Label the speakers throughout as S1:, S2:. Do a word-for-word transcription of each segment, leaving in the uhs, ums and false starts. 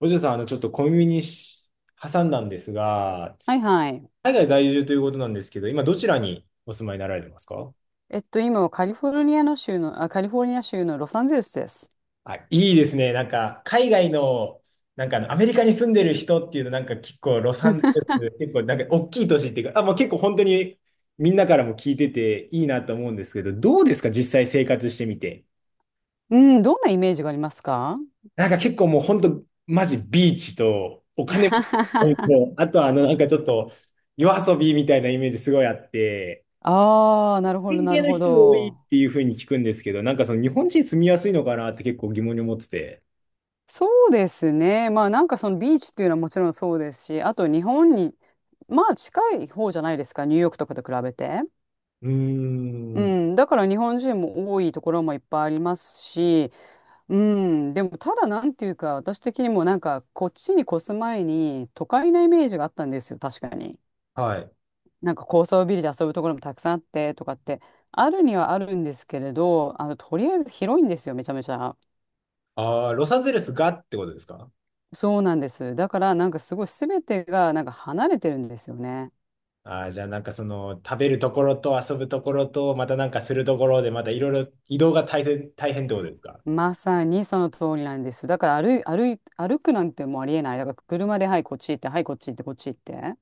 S1: お嬢さん、あの、ちょっと小耳にし挟んだんですが、
S2: はいはい。
S1: 海外在住ということなんですけど、今どちらにお住まいになられてますか？
S2: えっと、今はカリフォルニアの州の、あ、カリフォルニア州のロサンゼルスです。
S1: あ、いいですね。なんか、海外の、なんかあの、アメリカに住んでる人っていうの、なんか結構ロサンゼルス、結構なんか大きい都市っていうか、あ、もう結構本当にみんなからも聞いてていいなと思うんですけど、どうですか実際生活してみて。
S2: うん、どんなイメージがありますか？
S1: なんか結構もう本当、マジビーチとお金も、あとはあの、なんかちょっと夜遊びみたいなイメージすごいあって、
S2: ああ、なるほど、
S1: 変
S2: な
S1: 形
S2: る
S1: の
S2: ほ
S1: 人多いっ
S2: ど。
S1: ていうふうに聞くんですけど、なんかその日本人住みやすいのかなって結構疑問に思ってて。
S2: そうですね。まあ、なんかそのビーチっていうのはもちろんそうですし、あと日本に、まあ、近い方じゃないですか、ニューヨークとかと比べて。
S1: うー
S2: う
S1: ん。
S2: ん、だから日本人も多いところもいっぱいありますし、うん、でもただなんていうか、私的にもなんかこっちに越す前に都会なイメージがあったんですよ、確かに。
S1: はい。
S2: なんか高層ビルで遊ぶところもたくさんあってとかってあるにはあるんですけれど、あのとりあえず広いんですよ、めちゃめちゃ。
S1: ああ、ロサンゼルスがってことですか？
S2: そうなんです。だからなんかすごい全てがなんか離れてるんですよね。
S1: ああー、じゃあなんかその食べるところと遊ぶところとまたなんかするところでまたいろいろ移動が大変、大変ってことですか？
S2: まさにその通りなんです。だから歩い、歩い、歩くなんてもうありえない。だから車で、はいこっち行って、はいこっち行って、こっち行って。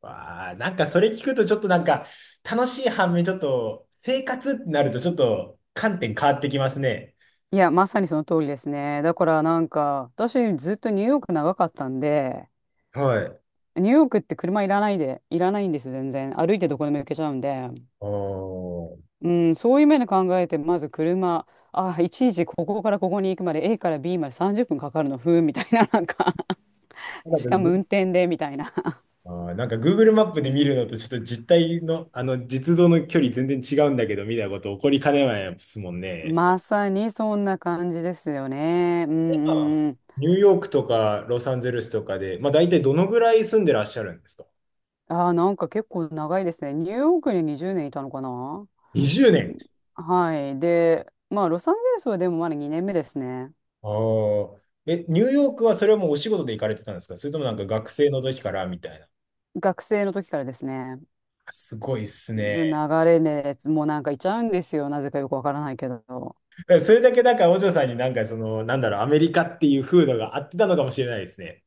S1: わあ、なんかそれ聞くとちょっとなんか楽しい反面ちょっと生活ってなるとちょっと観点変わってきますね。
S2: いや、まさにその通りですね。だからなんか私ずっとニューヨーク長かったんで、
S1: はい。
S2: ニューヨークって車いらないでいらないんですよ、全然。歩いてどこでも行けちゃうんで。
S1: おー。
S2: うん、そういう面で考えて、まず車、ああ、いちいちここからここに行くまで A から B までさんじゅっぷんかかるの、ふーん、みたいな、なんか しかも運転で、みたいな。
S1: あーなんか Google マップで見るのとちょっと実態の、あの実像の距離全然違うんだけど、みたいなこと起こりかねないですもんね。それ
S2: まさにそんな感じですよね。うんう
S1: は
S2: んうん。
S1: ニューヨークとかロサンゼルスとかで、まあ大体どのぐらい住んでらっしゃるんですか
S2: ああ、なんか結構長いですね。ニューヨークににじゅうねんいたのかな。
S1: ?にじゅう 年。
S2: はい。で、まあ、ロサンゼルスはでもまだにねんめですね。
S1: ああ。え、ニューヨークはそれはもうお仕事で行かれてたんですか、それともなんか学生の時からみたいな。
S2: 学生の時からですね。
S1: すごいっす
S2: で、流
S1: ね。
S2: れで、もうなんかいちゃうんですよ。なぜかよくわからないけど。
S1: それだけだから、お嬢さんになんかその、なんだろう、アメリカっていう風土が合ってたのかもしれないですね。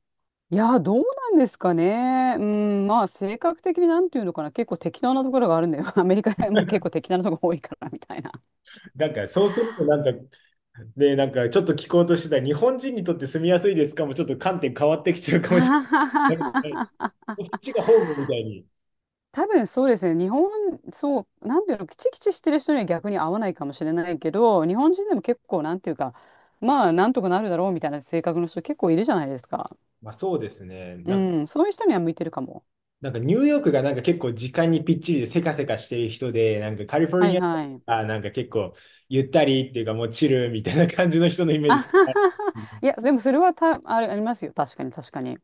S2: いや、どうなんですかね。うん、まあ、性格的になんていうのかな。結構適当なところがあるんだよ。アメリカも結構適当なところ多いから、みたいな。
S1: なんか、そうすると、なんか、ね、なんか、ちょっと聞こうとしてた、日本人にとって住みやすいですかも、ちょっと観点変わってきちゃう
S2: あ
S1: かもし
S2: はは
S1: れない。
S2: はは、
S1: そっちがホームみたいに。
S2: 多分そうですね。日本、そう、なんていうの、キチキチしてる人には逆に合わないかもしれないけど、日本人でも結構、なんていうか、まあ、なんとかなるだろうみたいな性格の人結構いるじゃないですか。
S1: まあ、そうですね。
S2: う
S1: なんか、
S2: ん、そういう人には向いてるかも。
S1: なんかニューヨークがなんか結構時間にぴっちりでせかせかしている人で、なんかカリフォル
S2: は
S1: ニ
S2: い
S1: アと
S2: はい。
S1: かなんか結構ゆったりっていうかもうチルみたいな感じの人のイ メー
S2: あ
S1: ジす
S2: は
S1: る。
S2: はは。いや、でもそれはた、あれ、ありますよ。確かに、確かに。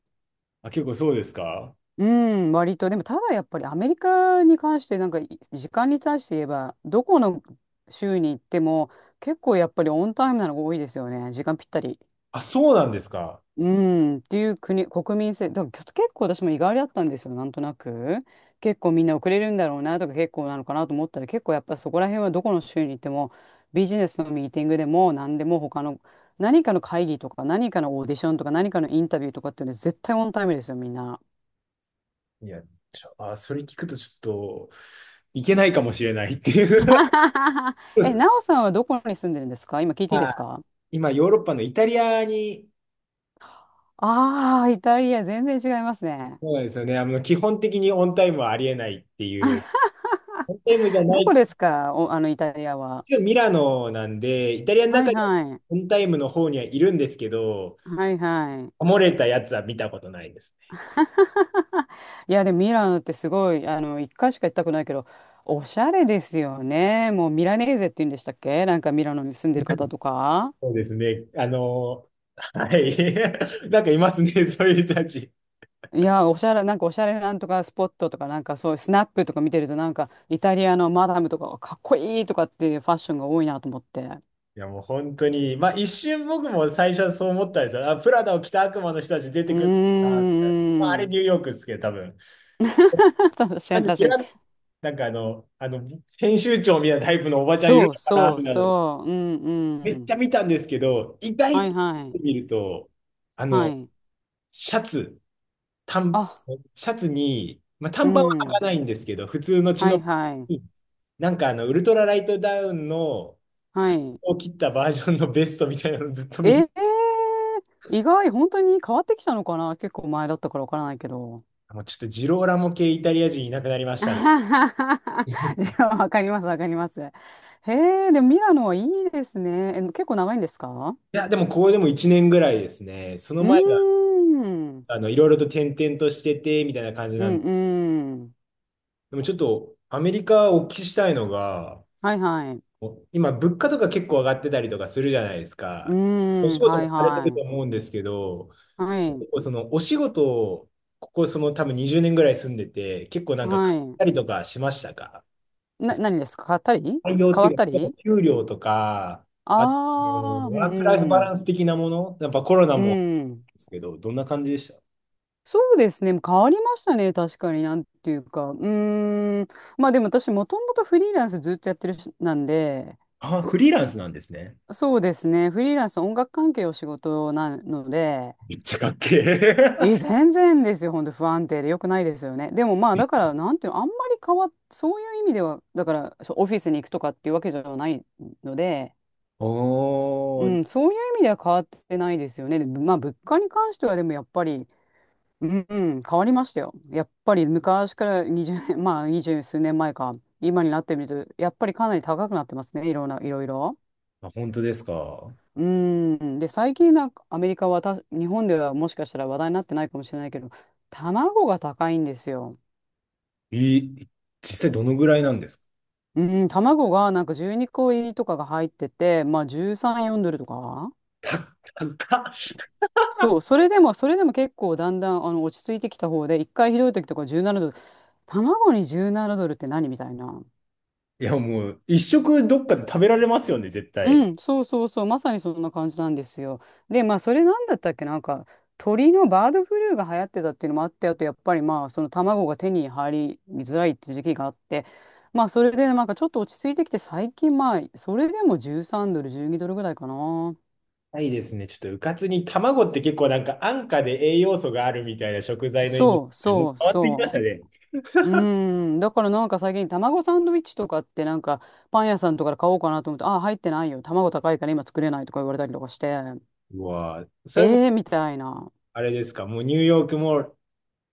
S1: あ、結構そうですか？
S2: うん、割と。でも、ただやっぱりアメリカに関して、なんか、い時間に対して言えば、どこの州に行っても、結構やっぱりオンタイムなのが多いですよね。時間ぴったり。
S1: あ、そうなんですか？
S2: うん、っていう国、国民性。だから結構私も意外だったんですよ、なんとなく。結構みんな遅れるんだろうなとか、結構なのかなと思ったら、結構やっぱそこら辺はどこの州に行っても、ビジネスのミーティングでも、何でも他の、何かの会議とか、何かのオーディションとか、何かのインタビューとかっていうのは絶対オンタイムですよ、みんな。
S1: いや、ちょあ、それ聞くとちょっといけないかもしれないっていう。
S2: え、なおさんはどこに住んでるんですか？今聞いていいで
S1: は
S2: す
S1: い。
S2: か？
S1: 今、ヨーロッパのイタリアに、
S2: ああー、イタリア、全然違いますね。
S1: そうなんですよね。あの、基本的にオンタイムはありえないっていう、オンタイムじゃな
S2: どこ
S1: い、
S2: ですか？お、あの、イタリアは。
S1: 一応ミラノなんで、イタリアの
S2: は
S1: 中
S2: い
S1: では
S2: はい。
S1: オンタイムの方にはいるんですけど、
S2: はいはい。
S1: 漏れたやつは見たことないですね。
S2: いや、でもミラノってすごい、あの、一回しか行ったくないけど、おしゃれですよね。もうミラネーゼって言うんでしたっけ？なんかミラノに住んでる方とか。
S1: そうですね。あの、はい。なんかいますね、そういう人たち。
S2: いや、おしゃれ、なんかおしゃれなんとかスポットとか、なんかそういうスナップとか見てると、なんかイタリアのマダムとかはかっこいいとかっていうファッションが多いなと思って。
S1: いや、もう本当に、まあ一瞬僕も最初はそう思ったんですよ。あ、プラダを着た悪魔の人たち出て
S2: うー
S1: くるのかなって、まあ、あれニ
S2: ん。
S1: ューヨークですけど、多分。
S2: 確か
S1: なん
S2: に、
S1: で
S2: 確
S1: ミ
S2: かに。
S1: ラ、なんかあの、あの、編集長みたいなタイプのおばちゃんいる
S2: そう
S1: のかな
S2: そう
S1: みたいな、
S2: そう。うん
S1: め
S2: う
S1: っち
S2: ん。
S1: ゃ見たんですけど、意
S2: は
S1: 外
S2: い
S1: と
S2: はい。
S1: 見ると、あ
S2: は
S1: の、
S2: い。
S1: シャツ、短、
S2: あ、
S1: シャツに、まあ、
S2: う
S1: 短パンは履か
S2: ん。
S1: ないんですけど、普通のチ
S2: は
S1: ノ
S2: い
S1: パ
S2: はい。
S1: ンに、なんかあの、ウルトラライトダウンの
S2: は
S1: スリー
S2: い。
S1: を切ったバージョンのベストみたいなの ずっと見
S2: え
S1: る。
S2: ー、意外、本当に変わってきたのかな？結構前だったからわからないけど。
S1: もうちょっとジローラモ系イタリア人いなくなりま し
S2: じ
S1: たね。
S2: ゃあ、わかります、わかります。へえ、でもミラノはいいですね。え、結構長いんですか？
S1: いや、でもこれでもいちねんぐらいですね。その
S2: うー
S1: 前が、
S2: ん。
S1: あの、いろいろと転々としてて、みたいな感じ
S2: う
S1: なん
S2: ん
S1: で。
S2: うん。
S1: でもちょっとアメリカお聞きしたいのが、
S2: はいはい。
S1: 今物価とか結構上がってたりとかするじゃないです
S2: うー
S1: か。お仕
S2: ん、
S1: 事
S2: はい
S1: もされてると
S2: はい。
S1: 思うんですけど、
S2: はい。
S1: 結構そのお仕事をここその多分にじゅうねんぐらい住んでて、結構なんか買っ
S2: は
S1: たりとかしましたか？
S2: い。な、何ですか？買ったり
S1: 採用っ
S2: 変
S1: て
S2: わっ
S1: いうか、
S2: た
S1: やっ
S2: り？
S1: ぱ給料とか、あと、えー
S2: ああー、う
S1: ワークライフ
S2: んう
S1: バラン
S2: ん。
S1: ス的なもの、やっぱコロナ
S2: う
S1: も
S2: ん。
S1: ですけど、どんな感じでした？
S2: そうですね。変わりましたね。確かになんていうか。うーん。まあでも私もともとフリーランスずっとやってるし、なんで、
S1: あ、フリーランスなんですね。
S2: そうですね。フリーランス音楽関係お仕事なので、
S1: めっちゃかっけえ。
S2: え、全然ですよ。本当不安定で良くないですよね。でもまあだから、なんていうの、あんまり変わっ、そういう意味では、だからそうオフィスに行くとかっていうわけじゃないので、
S1: お
S2: う
S1: ー、
S2: ん、そういう意味では変わってないですよね。でまあ、物価に関してはでもやっぱり、うん、うん変わりましたよ。やっぱり昔からにじゅうねん、まあ、にじゅう数年前か、今になってみると、やっぱりかなり高くなってますね、いろんな、いろいろ。
S1: あ本当ですか。
S2: うん、で、最近なんかアメリカはた、日本ではもしかしたら話題になってないかもしれないけど、卵が高いんですよ。
S1: い、実際どのぐらいなんですか？
S2: うん、卵がなんかじゅうにこ入りとかが入ってて、まあじゅうさん、よんドルとか。
S1: 高っ。
S2: そう、それでも、それでも結構だんだんあの落ち着いてきた方で、一回ひどい時とかじゅうななドル、卵にじゅうななドルって何みたいな。
S1: いや、もう、一食どっかで食べられますよね、絶
S2: う
S1: 対。
S2: ん、そうそうそう、まさにそんな感じなんですよ。で、まあ、それなんだったっけ、なんか、鳥のバードフルーが流行ってたっていうのもあって、あとやっぱりまあ、その卵が手に入りづらいって時期があって、まあ、それでなんかちょっと落ち着いてきて、最近まあ、それでもじゅうさんドル、じゅうにドルぐらいかな。
S1: ないですね。ちょっと、うかつに卵って結構なんか安価で栄養素があるみたいな食材のイメー
S2: そう
S1: ジ、もう
S2: そう
S1: 変わってきました
S2: そ
S1: ね。
S2: う。うーん、だからなんか最近卵サンドイッチとかってなんかパン屋さんとかで買おうかなと思って、あ入ってないよ。卵高いから今作れないとか言われたりとかして、
S1: うわぁ、それも、
S2: えー、みたいな。
S1: あれですか、もうニューヨークも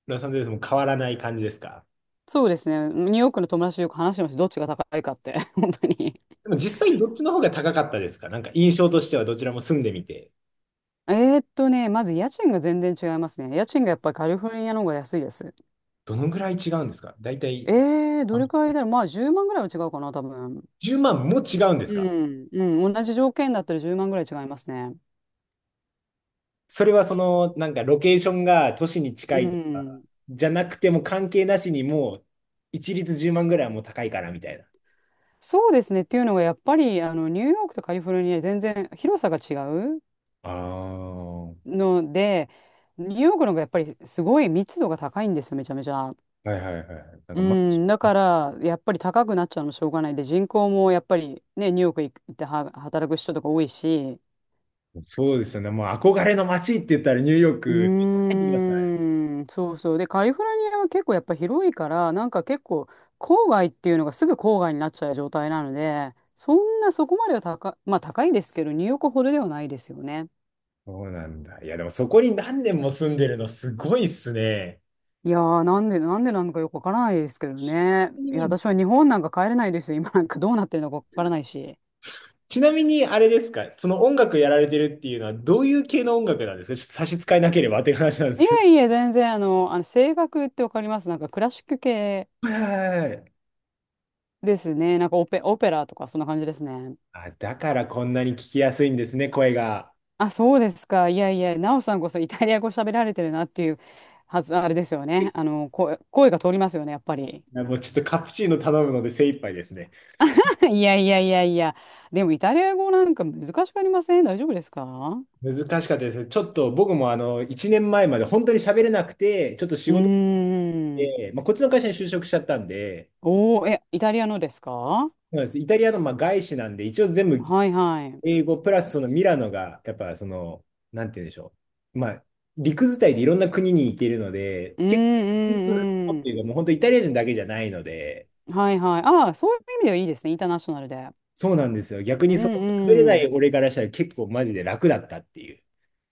S1: ロサンゼルスも変わらない感じですか？
S2: そうですね。ニューヨークの友達とよく話してました。どっちが高いかって。本当に。
S1: でも実際どっちの方が高かったですか、なんか印象としてはどちらも住んでみて。
S2: えーっとね、まず家賃が全然違いますね。家賃がやっぱりカリフォルニアの方が安いです。
S1: どのぐらい違うんですか大体、
S2: えー、ど
S1: あ
S2: れくらいだろう。まあじゅうまんぐらいは違うかな、多分。
S1: じゅうまんも違うんです
S2: う
S1: か？
S2: ん、うん、同じ条件だったらじゅうまんぐらい違いますね。
S1: それはその、なんかロケーションが都市に近
S2: う
S1: いとか、
S2: ん。
S1: じゃなくても関係なしにもう、一律じゅうまんぐらいはもう高いからみたいな。
S2: そうですね。っていうのが、やっぱり、あの、ニューヨークとカリフォルニア、全然広さが違う
S1: ああ、は
S2: ので、ニューヨークの方がやっぱりすごい密度が高いんですよ、めちゃめちゃ。
S1: いはいはい。なん
S2: う
S1: か、ま、
S2: ん、だから、やっぱり高くなっちゃうのしょうがないで、人口もやっぱりね、ニューヨーク行っては働く人とか多いし、
S1: そうですよね。もう憧れの街って言ったらニューヨー
S2: う
S1: ク。入っ
S2: ー
S1: てきますからね。
S2: ん、そうそう。で、カリフォルニアは結構やっぱ広いから、なんか結構、郊外っていうのがすぐ郊外になっちゃう状態なので、そんなそこまでは高、まあ高いですけど、ニューヨークほどではないですよね。
S1: そうなんだ。いや、でもそこに何年も住んでるのすごいっすね。
S2: いやー、なんで、なんでなのかよくわからないですけどね。
S1: ちなみ
S2: いや、
S1: に、
S2: 私は日本なんか帰れないですよ。今なんかどうなってるのかわからないし。
S1: ちなみにあれですか、その音楽やられてるっていうのは、どういう系の音楽なんですか、ちょっと差し支えなければっていう話なんです
S2: い
S1: けど。
S2: えいえ、全然、あの、あの、声楽ってわかりますなんかクラシック系
S1: はいはいはい。
S2: ですね。なんかオペ、オペラとかそんな感じですね。
S1: あ、だからこんなに聞きやすいんですね、声が。
S2: あ、そうですか。いやいや、ナオさんこそイタリア語喋られてるなっていうはず、あれですよね。あの、声、声が通りますよね、やっぱり。
S1: いやもうちょっとカプチーノ頼むので精一杯ですね。
S2: いやいやいやいや。でもイタリア語なんか難しくありません大丈夫ですか？
S1: 難しかったです。ちょっと僕もあのいちねんまえまえまで本当に喋れなくて、ちょっと仕
S2: う
S1: 事
S2: ーん。
S1: で、まあ、こっちの会社に就職しちゃったんで、
S2: おー、え、イタリアのですか？
S1: そうなんです。イタリアのまあ外資なんで、一応全部
S2: はいはい。
S1: 英語プラスそのミラノが、やっぱその、なんて言うんでしょう。まあ、陸伝いでいろんな国に行けるので、
S2: う
S1: 結構、
S2: んう
S1: ってい
S2: ん
S1: うかもう本当イタリア人だけじゃないので、
S2: うん。はいはい。ああ、そういう意味ではいいですね。インターナショナルで。
S1: そうなんですよ。逆
S2: う
S1: にその喋れ
S2: んう
S1: ない
S2: ん。
S1: 俺からしたら結構マジで楽だったっていう。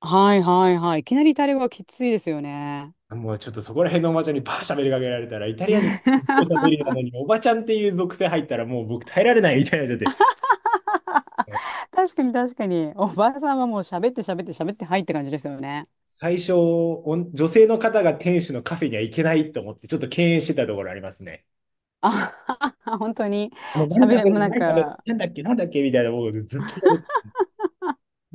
S2: はいはいはい。いきなりイタリア語はきついですよね。
S1: もうちょっとそこら辺のおばちゃんにバー喋りかけられたら、イタ リア人ずっと喋りなのに、おばちゃんっていう属性入ったらもう僕耐えられないみたいになっちゃって。
S2: 確かに確かに。おばあさんはもう喋って喋って喋ってはいって感じですよね。
S1: 最初、おん女性の方が店主のカフェには行けないと思って、ちょっと敬遠してたところありますね。
S2: あ、本当に
S1: もう何
S2: 喋
S1: 食
S2: れ、
S1: べ
S2: もう
S1: る
S2: なん
S1: 何食べる
S2: か、
S1: なんだっけなんだっけみたいな、もうずっと、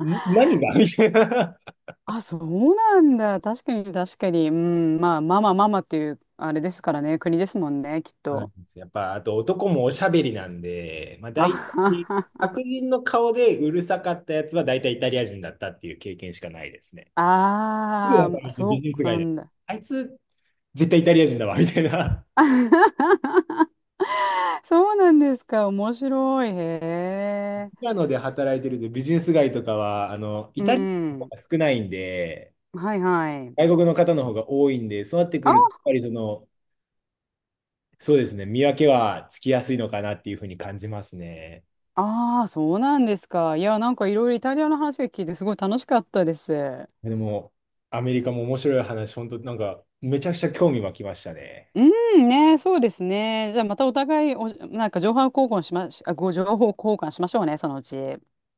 S1: ん何がみたいな。
S2: あ、そうなんだ。確かに確かに。うん、まあ、ママママっていう、あれですからね。国ですもんね、きっ
S1: そうなん
S2: と。
S1: ですやっぱ、あと男もおしゃべりなんで、まあ大体、
S2: あ
S1: 白人の顔でうるさかったやつは大体イタリア人だったっていう経験しかないですね。すぐ
S2: ああ、
S1: わかり
S2: ま
S1: ますねビ
S2: そ
S1: ジネ
S2: う
S1: ス街
S2: な
S1: で。
S2: んだ。
S1: あいつ、絶対イタリア人だわ、みたいな。
S2: そうなんですか。面白い。へ
S1: ミ
S2: え。
S1: ラノで働いてるとビジネス街とかは、あの、イ
S2: う
S1: タリアの
S2: ん
S1: 方が少ないんで、
S2: うん。はいはい。
S1: 外国の方の方が多いんで、そうなってく
S2: あ、
S1: ると、やっぱりその、そうですね、見分けはつきやすいのかなっていうふうに感じますね。
S2: ああ、そうなんですか。いや、なんかいろいろイタリアの話を聞いて、すごい楽しかったです。
S1: でも、アメリカも面白い話、本当なんか、めちゃくちゃ興味湧きましたね。
S2: うんね、そうですね。じゃあまたお互いお、なんか情報交換しまし、あ、ご情報交換しましょうね、そのうち。